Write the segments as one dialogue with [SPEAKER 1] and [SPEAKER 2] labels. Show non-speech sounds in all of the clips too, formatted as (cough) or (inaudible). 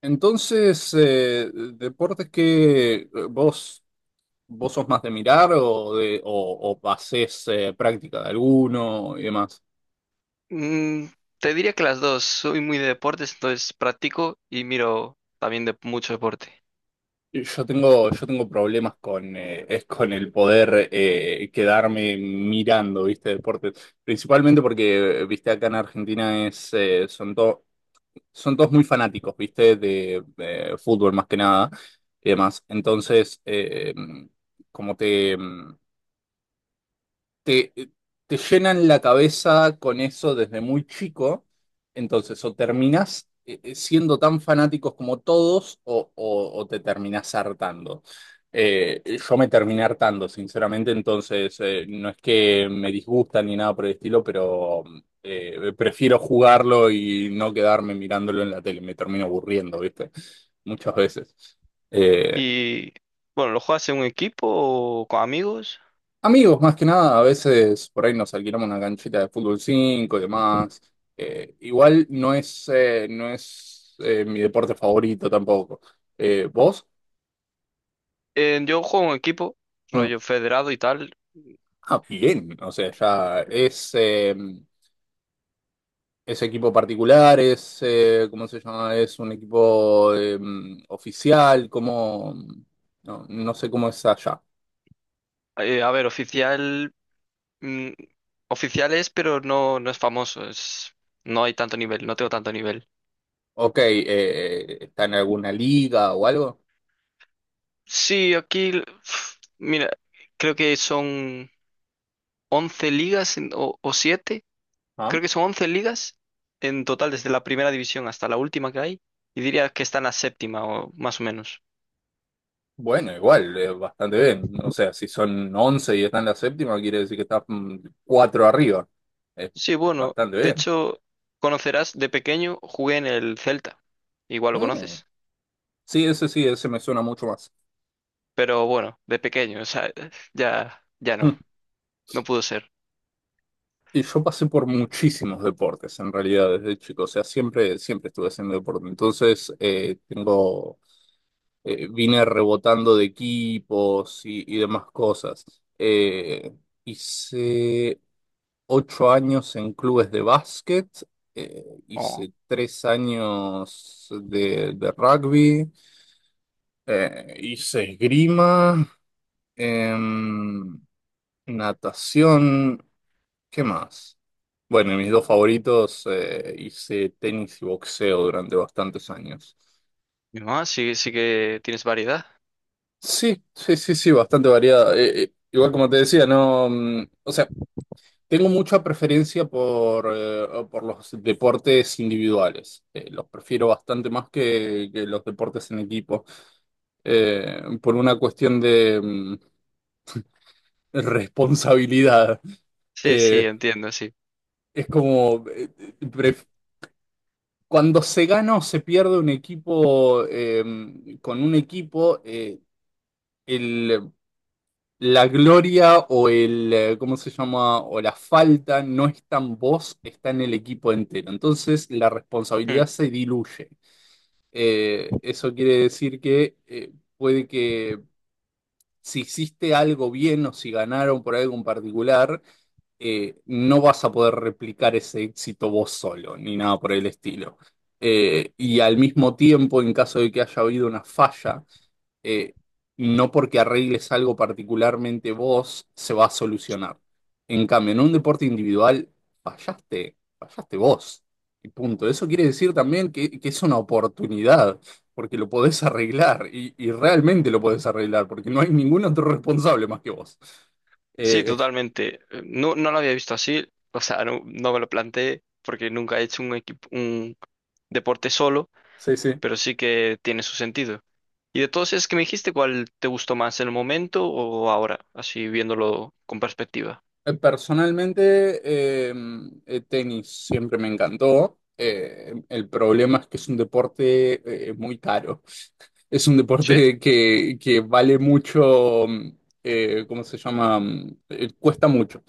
[SPEAKER 1] Entonces, deportes que vos sos más de mirar o hacés práctica de alguno y demás.
[SPEAKER 2] Mm, Te diría que las dos. Soy muy de deportes, entonces practico y miro también de mucho deporte.
[SPEAKER 1] Yo tengo problemas con el poder quedarme mirando, ¿viste? Deportes. Principalmente porque, viste, acá en Argentina es, son todos muy fanáticos, ¿viste? De, fútbol más que nada y demás. Entonces, como te... mm, te, te llenan la cabeza con eso desde muy chico. Entonces o terminás siendo tan fanáticos como todos o te terminás hartando. Yo me terminé hartando, sinceramente. Entonces, no es que me disgusta ni nada por el estilo, pero prefiero jugarlo y no quedarme mirándolo en la tele, me termino aburriendo, ¿viste? Muchas veces. Eh,
[SPEAKER 2] Y bueno, ¿lo juegas en un equipo o con amigos?
[SPEAKER 1] Amigos, más que nada. A veces por ahí nos alquilamos una canchita de fútbol 5 y demás. Igual no es mi deporte favorito tampoco. ¿Vos?
[SPEAKER 2] Yo juego en un equipo,
[SPEAKER 1] Mm.
[SPEAKER 2] rollo federado y tal.
[SPEAKER 1] Ah, bien. O sea, ya es equipo particular. ¿Cómo se llama? Es un equipo oficial, como... No, no sé cómo es allá.
[SPEAKER 2] A ver, oficial, mm, oficial es, pero no, no es famoso. Es, no hay tanto nivel, no tengo tanto nivel.
[SPEAKER 1] Ok. ¿Está en alguna liga o algo?
[SPEAKER 2] Sí, aquí, mira, creo que son 11 ligas o 7, creo que son 11 ligas en total desde la primera división hasta la última que hay. Y diría que está en la séptima o más o menos.
[SPEAKER 1] Bueno, igual, bastante bien. O sea, si son 11 y está en la séptima, quiere decir que está cuatro arriba. Es,
[SPEAKER 2] Sí,
[SPEAKER 1] es
[SPEAKER 2] bueno,
[SPEAKER 1] bastante
[SPEAKER 2] de
[SPEAKER 1] bien.
[SPEAKER 2] hecho, conocerás, de pequeño jugué en el Celta. Igual lo
[SPEAKER 1] Mm.
[SPEAKER 2] conoces.
[SPEAKER 1] Sí, ese me suena mucho más.
[SPEAKER 2] Pero bueno, de pequeño, o sea, (laughs) ya, ya no,
[SPEAKER 1] Mm.
[SPEAKER 2] no pudo ser.
[SPEAKER 1] Y yo pasé por muchísimos deportes, en realidad, desde chico. O sea, siempre estuve haciendo deporte. Entonces, tengo vine rebotando de equipos y demás cosas. Eh, Hice 8 años en clubes de básquet,
[SPEAKER 2] Oh,
[SPEAKER 1] hice 3 años de rugby, hice esgrima, em, natación. ¿Qué más? Bueno, y mis dos favoritos, hice tenis y boxeo durante bastantes años.
[SPEAKER 2] mi mamá, sí, sí que tienes variedad.
[SPEAKER 1] Sí, sí, sí, sí, bastante variada. Igual como te decía, no, o sea, tengo mucha preferencia por los deportes individuales. Los prefiero bastante más que los deportes en equipo. Por una cuestión de (laughs) responsabilidad.
[SPEAKER 2] Sí, sí,
[SPEAKER 1] Eh,
[SPEAKER 2] entiendo, sí.
[SPEAKER 1] es como, pref- cuando se gana o se pierde un equipo, con un equipo, la gloria o el, ¿cómo se llama? O la falta no está en vos, está en el equipo entero. Entonces la
[SPEAKER 2] Hmm.
[SPEAKER 1] responsabilidad se diluye. Eso quiere decir que puede que si hiciste algo bien o si ganaron por algo en particular, no vas a poder replicar ese éxito vos solo, ni nada por el estilo. Y al mismo tiempo, en caso de que haya habido una falla, eh, no porque arregles algo particularmente vos, se va a solucionar. En cambio, en un deporte individual, fallaste, fallaste vos. Y punto. Eso quiere decir también que es una oportunidad, porque lo podés arreglar, y realmente lo podés arreglar, porque no hay ningún otro (laughs) responsable más que vos.
[SPEAKER 2] Sí,
[SPEAKER 1] Eh,
[SPEAKER 2] totalmente. No, no lo había visto así, o sea, no, no me lo planteé porque nunca he hecho un equipo, un deporte solo,
[SPEAKER 1] sí, sí.
[SPEAKER 2] pero sí que tiene su sentido. Y de todos esos que me dijiste, ¿cuál te gustó más en el momento o ahora, así viéndolo con perspectiva?
[SPEAKER 1] Personalmente, eh, tenis siempre me encantó. El problema es que es un deporte muy caro. (laughs) Es un
[SPEAKER 2] ¿Sí?
[SPEAKER 1] deporte que vale mucho. ¿Cómo se llama? Cuesta mucho.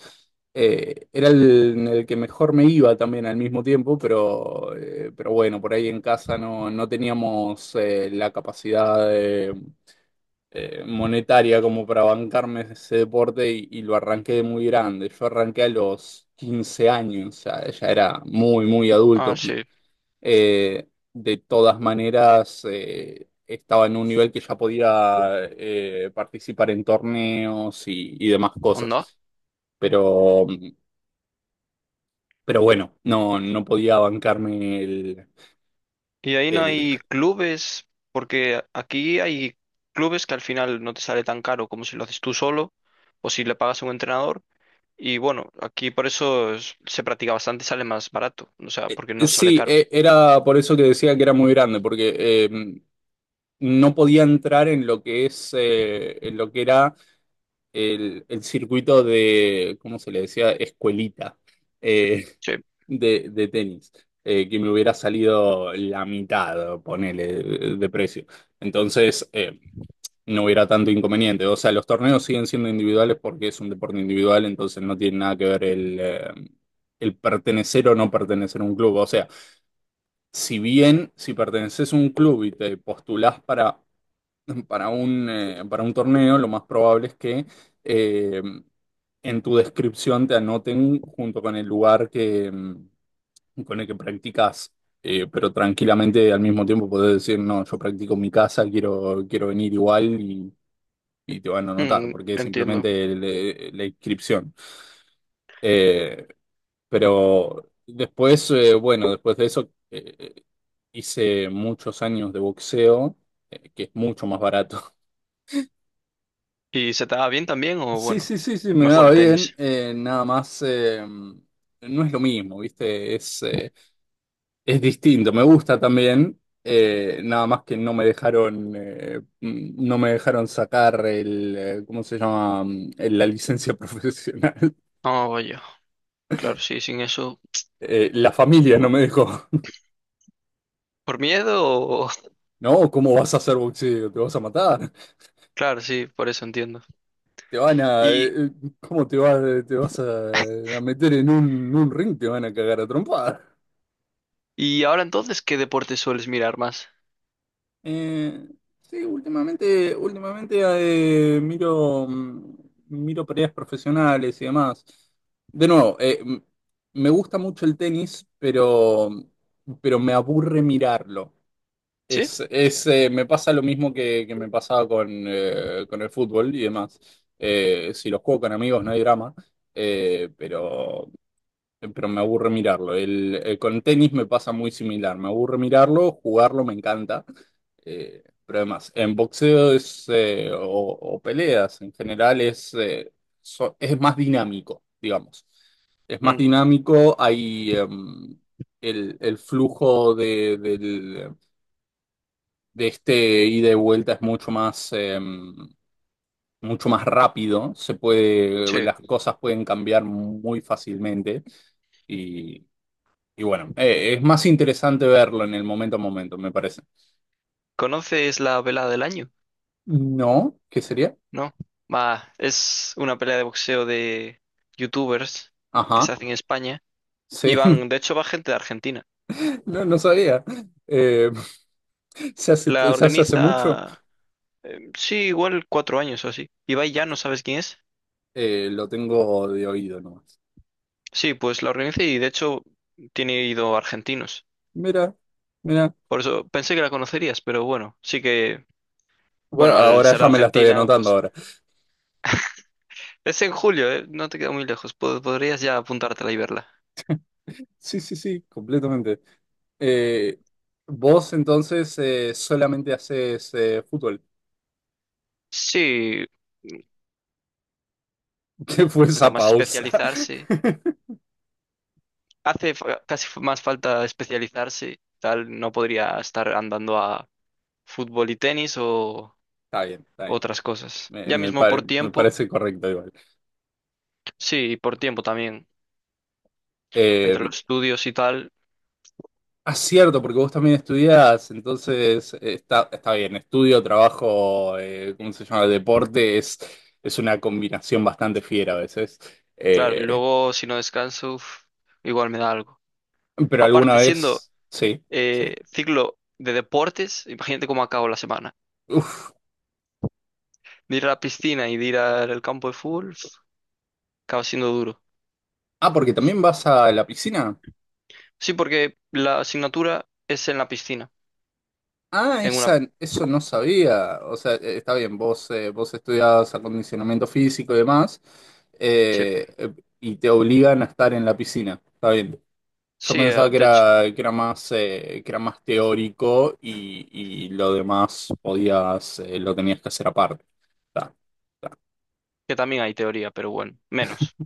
[SPEAKER 1] Era en el que mejor me iba también al mismo tiempo, pero bueno, por ahí en casa no teníamos la capacidad monetaria como para bancarme ese deporte y lo arranqué de muy grande. Yo arranqué a los 15 años, ya era muy, muy
[SPEAKER 2] Ah,
[SPEAKER 1] adulto.
[SPEAKER 2] sí,
[SPEAKER 1] Eh, de todas maneras, estaba en un nivel que ya podía participar en torneos y demás cosas.
[SPEAKER 2] onda.
[SPEAKER 1] Pero, pero bueno, no podía bancarme el,
[SPEAKER 2] Y ahí no
[SPEAKER 1] el
[SPEAKER 2] hay clubes, porque aquí hay clubes que al final no te sale tan caro como si lo haces tú solo o si le pagas a un entrenador. Y bueno, aquí por eso se practica bastante y sale más barato, o sea,
[SPEAKER 1] Eh,
[SPEAKER 2] porque no sale
[SPEAKER 1] Sí,
[SPEAKER 2] caro.
[SPEAKER 1] era por eso que decía que era muy grande, porque eh, no podía entrar en lo que en lo que era el circuito de, ¿cómo se le decía? Escuelita, eh,
[SPEAKER 2] Sí.
[SPEAKER 1] de tenis, que me hubiera salido la mitad, ponele, de precio. Entonces, no hubiera tanto inconveniente. O sea, los torneos siguen siendo individuales porque es un deporte individual, entonces no tiene nada que ver el pertenecer o no pertenecer a un club. O sea, si bien si perteneces a un club y te postulás para (laughs) para un torneo, lo más probable es que eh, en tu descripción te anoten junto con el lugar con el que practicas. Pero tranquilamente al mismo tiempo podés decir, no, yo practico en mi casa, quiero venir igual y te van a anotar, porque es
[SPEAKER 2] Entiendo.
[SPEAKER 1] simplemente la inscripción. Eh, pero después, bueno, después de eso hice muchos años de boxeo, que es mucho más barato. (laughs)
[SPEAKER 2] ¿Y se te da bien también o
[SPEAKER 1] Sí,
[SPEAKER 2] bueno,
[SPEAKER 1] sí, sí, sí, me daba
[SPEAKER 2] mejor
[SPEAKER 1] bien.
[SPEAKER 2] tenis?
[SPEAKER 1] Nada más, no es lo mismo, ¿viste? Es distinto, me gusta también. Nada más que no me dejaron, no me dejaron sacar ¿cómo se llama? La licencia (laughs) profesional.
[SPEAKER 2] Oh, vaya, claro, sí, sin eso.
[SPEAKER 1] La familia no me dejó.
[SPEAKER 2] ¿Por miedo o? (laughs)
[SPEAKER 1] No, ¿cómo vas a hacer boxeo? ¿Te vas a matar?
[SPEAKER 2] Claro, sí, por eso entiendo.
[SPEAKER 1] ¿Te van a,
[SPEAKER 2] ¿Y,
[SPEAKER 1] eh, eh, cómo te vas a meter en un ring? Te van a cagar a trompadas.
[SPEAKER 2] y ahora entonces qué deporte sueles mirar más?
[SPEAKER 1] Eh, sí, últimamente miro peleas profesionales y demás. De nuevo, me gusta mucho el tenis, pero me aburre mirarlo.
[SPEAKER 2] ¿Sí?
[SPEAKER 1] Me pasa lo mismo que me pasaba con el fútbol y demás. Si los juego con amigos no hay drama. Eh, pero, pero me aburre mirarlo. Con tenis me pasa muy similar. Me aburre mirarlo, jugarlo me encanta. Pero además, en boxeo o peleas en general es más dinámico, digamos. Es más
[SPEAKER 2] Mm,
[SPEAKER 1] dinámico, hay el flujo de este ida y vuelta es mucho más, mucho más rápido.
[SPEAKER 2] sí.
[SPEAKER 1] Las cosas pueden cambiar muy fácilmente y, y bueno, es más interesante verlo en el momento a momento, me parece.
[SPEAKER 2] ¿Conoces la velada del año?
[SPEAKER 1] No, ¿qué sería?
[SPEAKER 2] ¿No? Va, es una pelea de boxeo de youtubers que se
[SPEAKER 1] Ajá,
[SPEAKER 2] hace en España y
[SPEAKER 1] sí.
[SPEAKER 2] van,
[SPEAKER 1] (laughs)
[SPEAKER 2] de hecho va gente de Argentina.
[SPEAKER 1] No, no sabía. Eh, se hace,
[SPEAKER 2] La
[SPEAKER 1] se hace hace mucho.
[SPEAKER 2] organiza, sí, igual 4 años o así. Ibai ya, ¿no sabes quién es?
[SPEAKER 1] Lo tengo de oído nomás.
[SPEAKER 2] Sí, pues la organiza y de hecho tiene ido argentinos.
[SPEAKER 1] Mira, mira.
[SPEAKER 2] Por eso pensé que la conocerías, pero bueno, sí que,
[SPEAKER 1] Bueno,
[SPEAKER 2] bueno, al
[SPEAKER 1] ahora
[SPEAKER 2] ser de
[SPEAKER 1] ya me la estoy
[SPEAKER 2] Argentina,
[SPEAKER 1] anotando
[SPEAKER 2] pues
[SPEAKER 1] ahora.
[SPEAKER 2] es en julio, ¿eh? No te queda muy lejos. Podrías ya apuntártela y verla.
[SPEAKER 1] Sí, sí, sí, completamente. Eh, Vos entonces solamente haces fútbol.
[SPEAKER 2] Sí,
[SPEAKER 1] (laughs) ¿Qué fue
[SPEAKER 2] falta
[SPEAKER 1] esa
[SPEAKER 2] más
[SPEAKER 1] pausa?
[SPEAKER 2] especializarse.
[SPEAKER 1] (laughs)
[SPEAKER 2] Hace casi más falta especializarse. Tal, no podría estar andando a fútbol y tenis o
[SPEAKER 1] Está bien, está bien.
[SPEAKER 2] otras cosas.
[SPEAKER 1] Me,
[SPEAKER 2] Ya
[SPEAKER 1] me
[SPEAKER 2] mismo
[SPEAKER 1] pare-
[SPEAKER 2] por
[SPEAKER 1] me
[SPEAKER 2] tiempo.
[SPEAKER 1] parece correcto igual.
[SPEAKER 2] Sí, y por tiempo también,
[SPEAKER 1] Eh,
[SPEAKER 2] entre los estudios y tal,
[SPEAKER 1] Ah, cierto, porque vos también estudiás. Entonces, está bien, estudio, trabajo, ¿cómo se llama? Deporte es una combinación bastante fiera a veces.
[SPEAKER 2] claro, y
[SPEAKER 1] Eh,
[SPEAKER 2] luego si no descanso, uf, igual me da algo.
[SPEAKER 1] pero alguna
[SPEAKER 2] Aparte, siendo
[SPEAKER 1] vez, sí, sí.
[SPEAKER 2] ciclo de deportes, imagínate cómo acabo la semana.
[SPEAKER 1] Uf.
[SPEAKER 2] De ir a la piscina y de ir al campo de fútbol, uf, acaba siendo duro.
[SPEAKER 1] Ah, porque también vas a la piscina.
[SPEAKER 2] Sí, porque la asignatura es en la piscina,
[SPEAKER 1] Ah,
[SPEAKER 2] en una.
[SPEAKER 1] esa, eso no sabía. O sea, está bien, vos estudiás acondicionamiento físico y demás,
[SPEAKER 2] Sí,
[SPEAKER 1] eh, eh, y te obligan a estar en la piscina. Está bien. Yo
[SPEAKER 2] sí,
[SPEAKER 1] pensaba que
[SPEAKER 2] de hecho,
[SPEAKER 1] era, que era más, eh, que era más teórico y lo demás lo tenías que hacer aparte. Ta.
[SPEAKER 2] que también hay teoría, pero bueno, menos.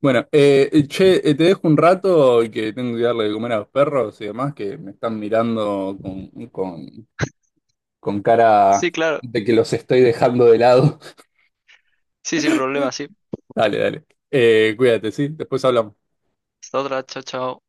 [SPEAKER 1] Bueno, che, te dejo un rato, y que tengo que darle de comer a los perros y demás, que me están mirando con cara
[SPEAKER 2] Sí, claro,
[SPEAKER 1] de que los estoy dejando de lado.
[SPEAKER 2] sí, sin problema, sí.
[SPEAKER 1] (laughs) Dale, dale. Cuídate, ¿sí? Después hablamos.
[SPEAKER 2] Hasta otra, chao, chao.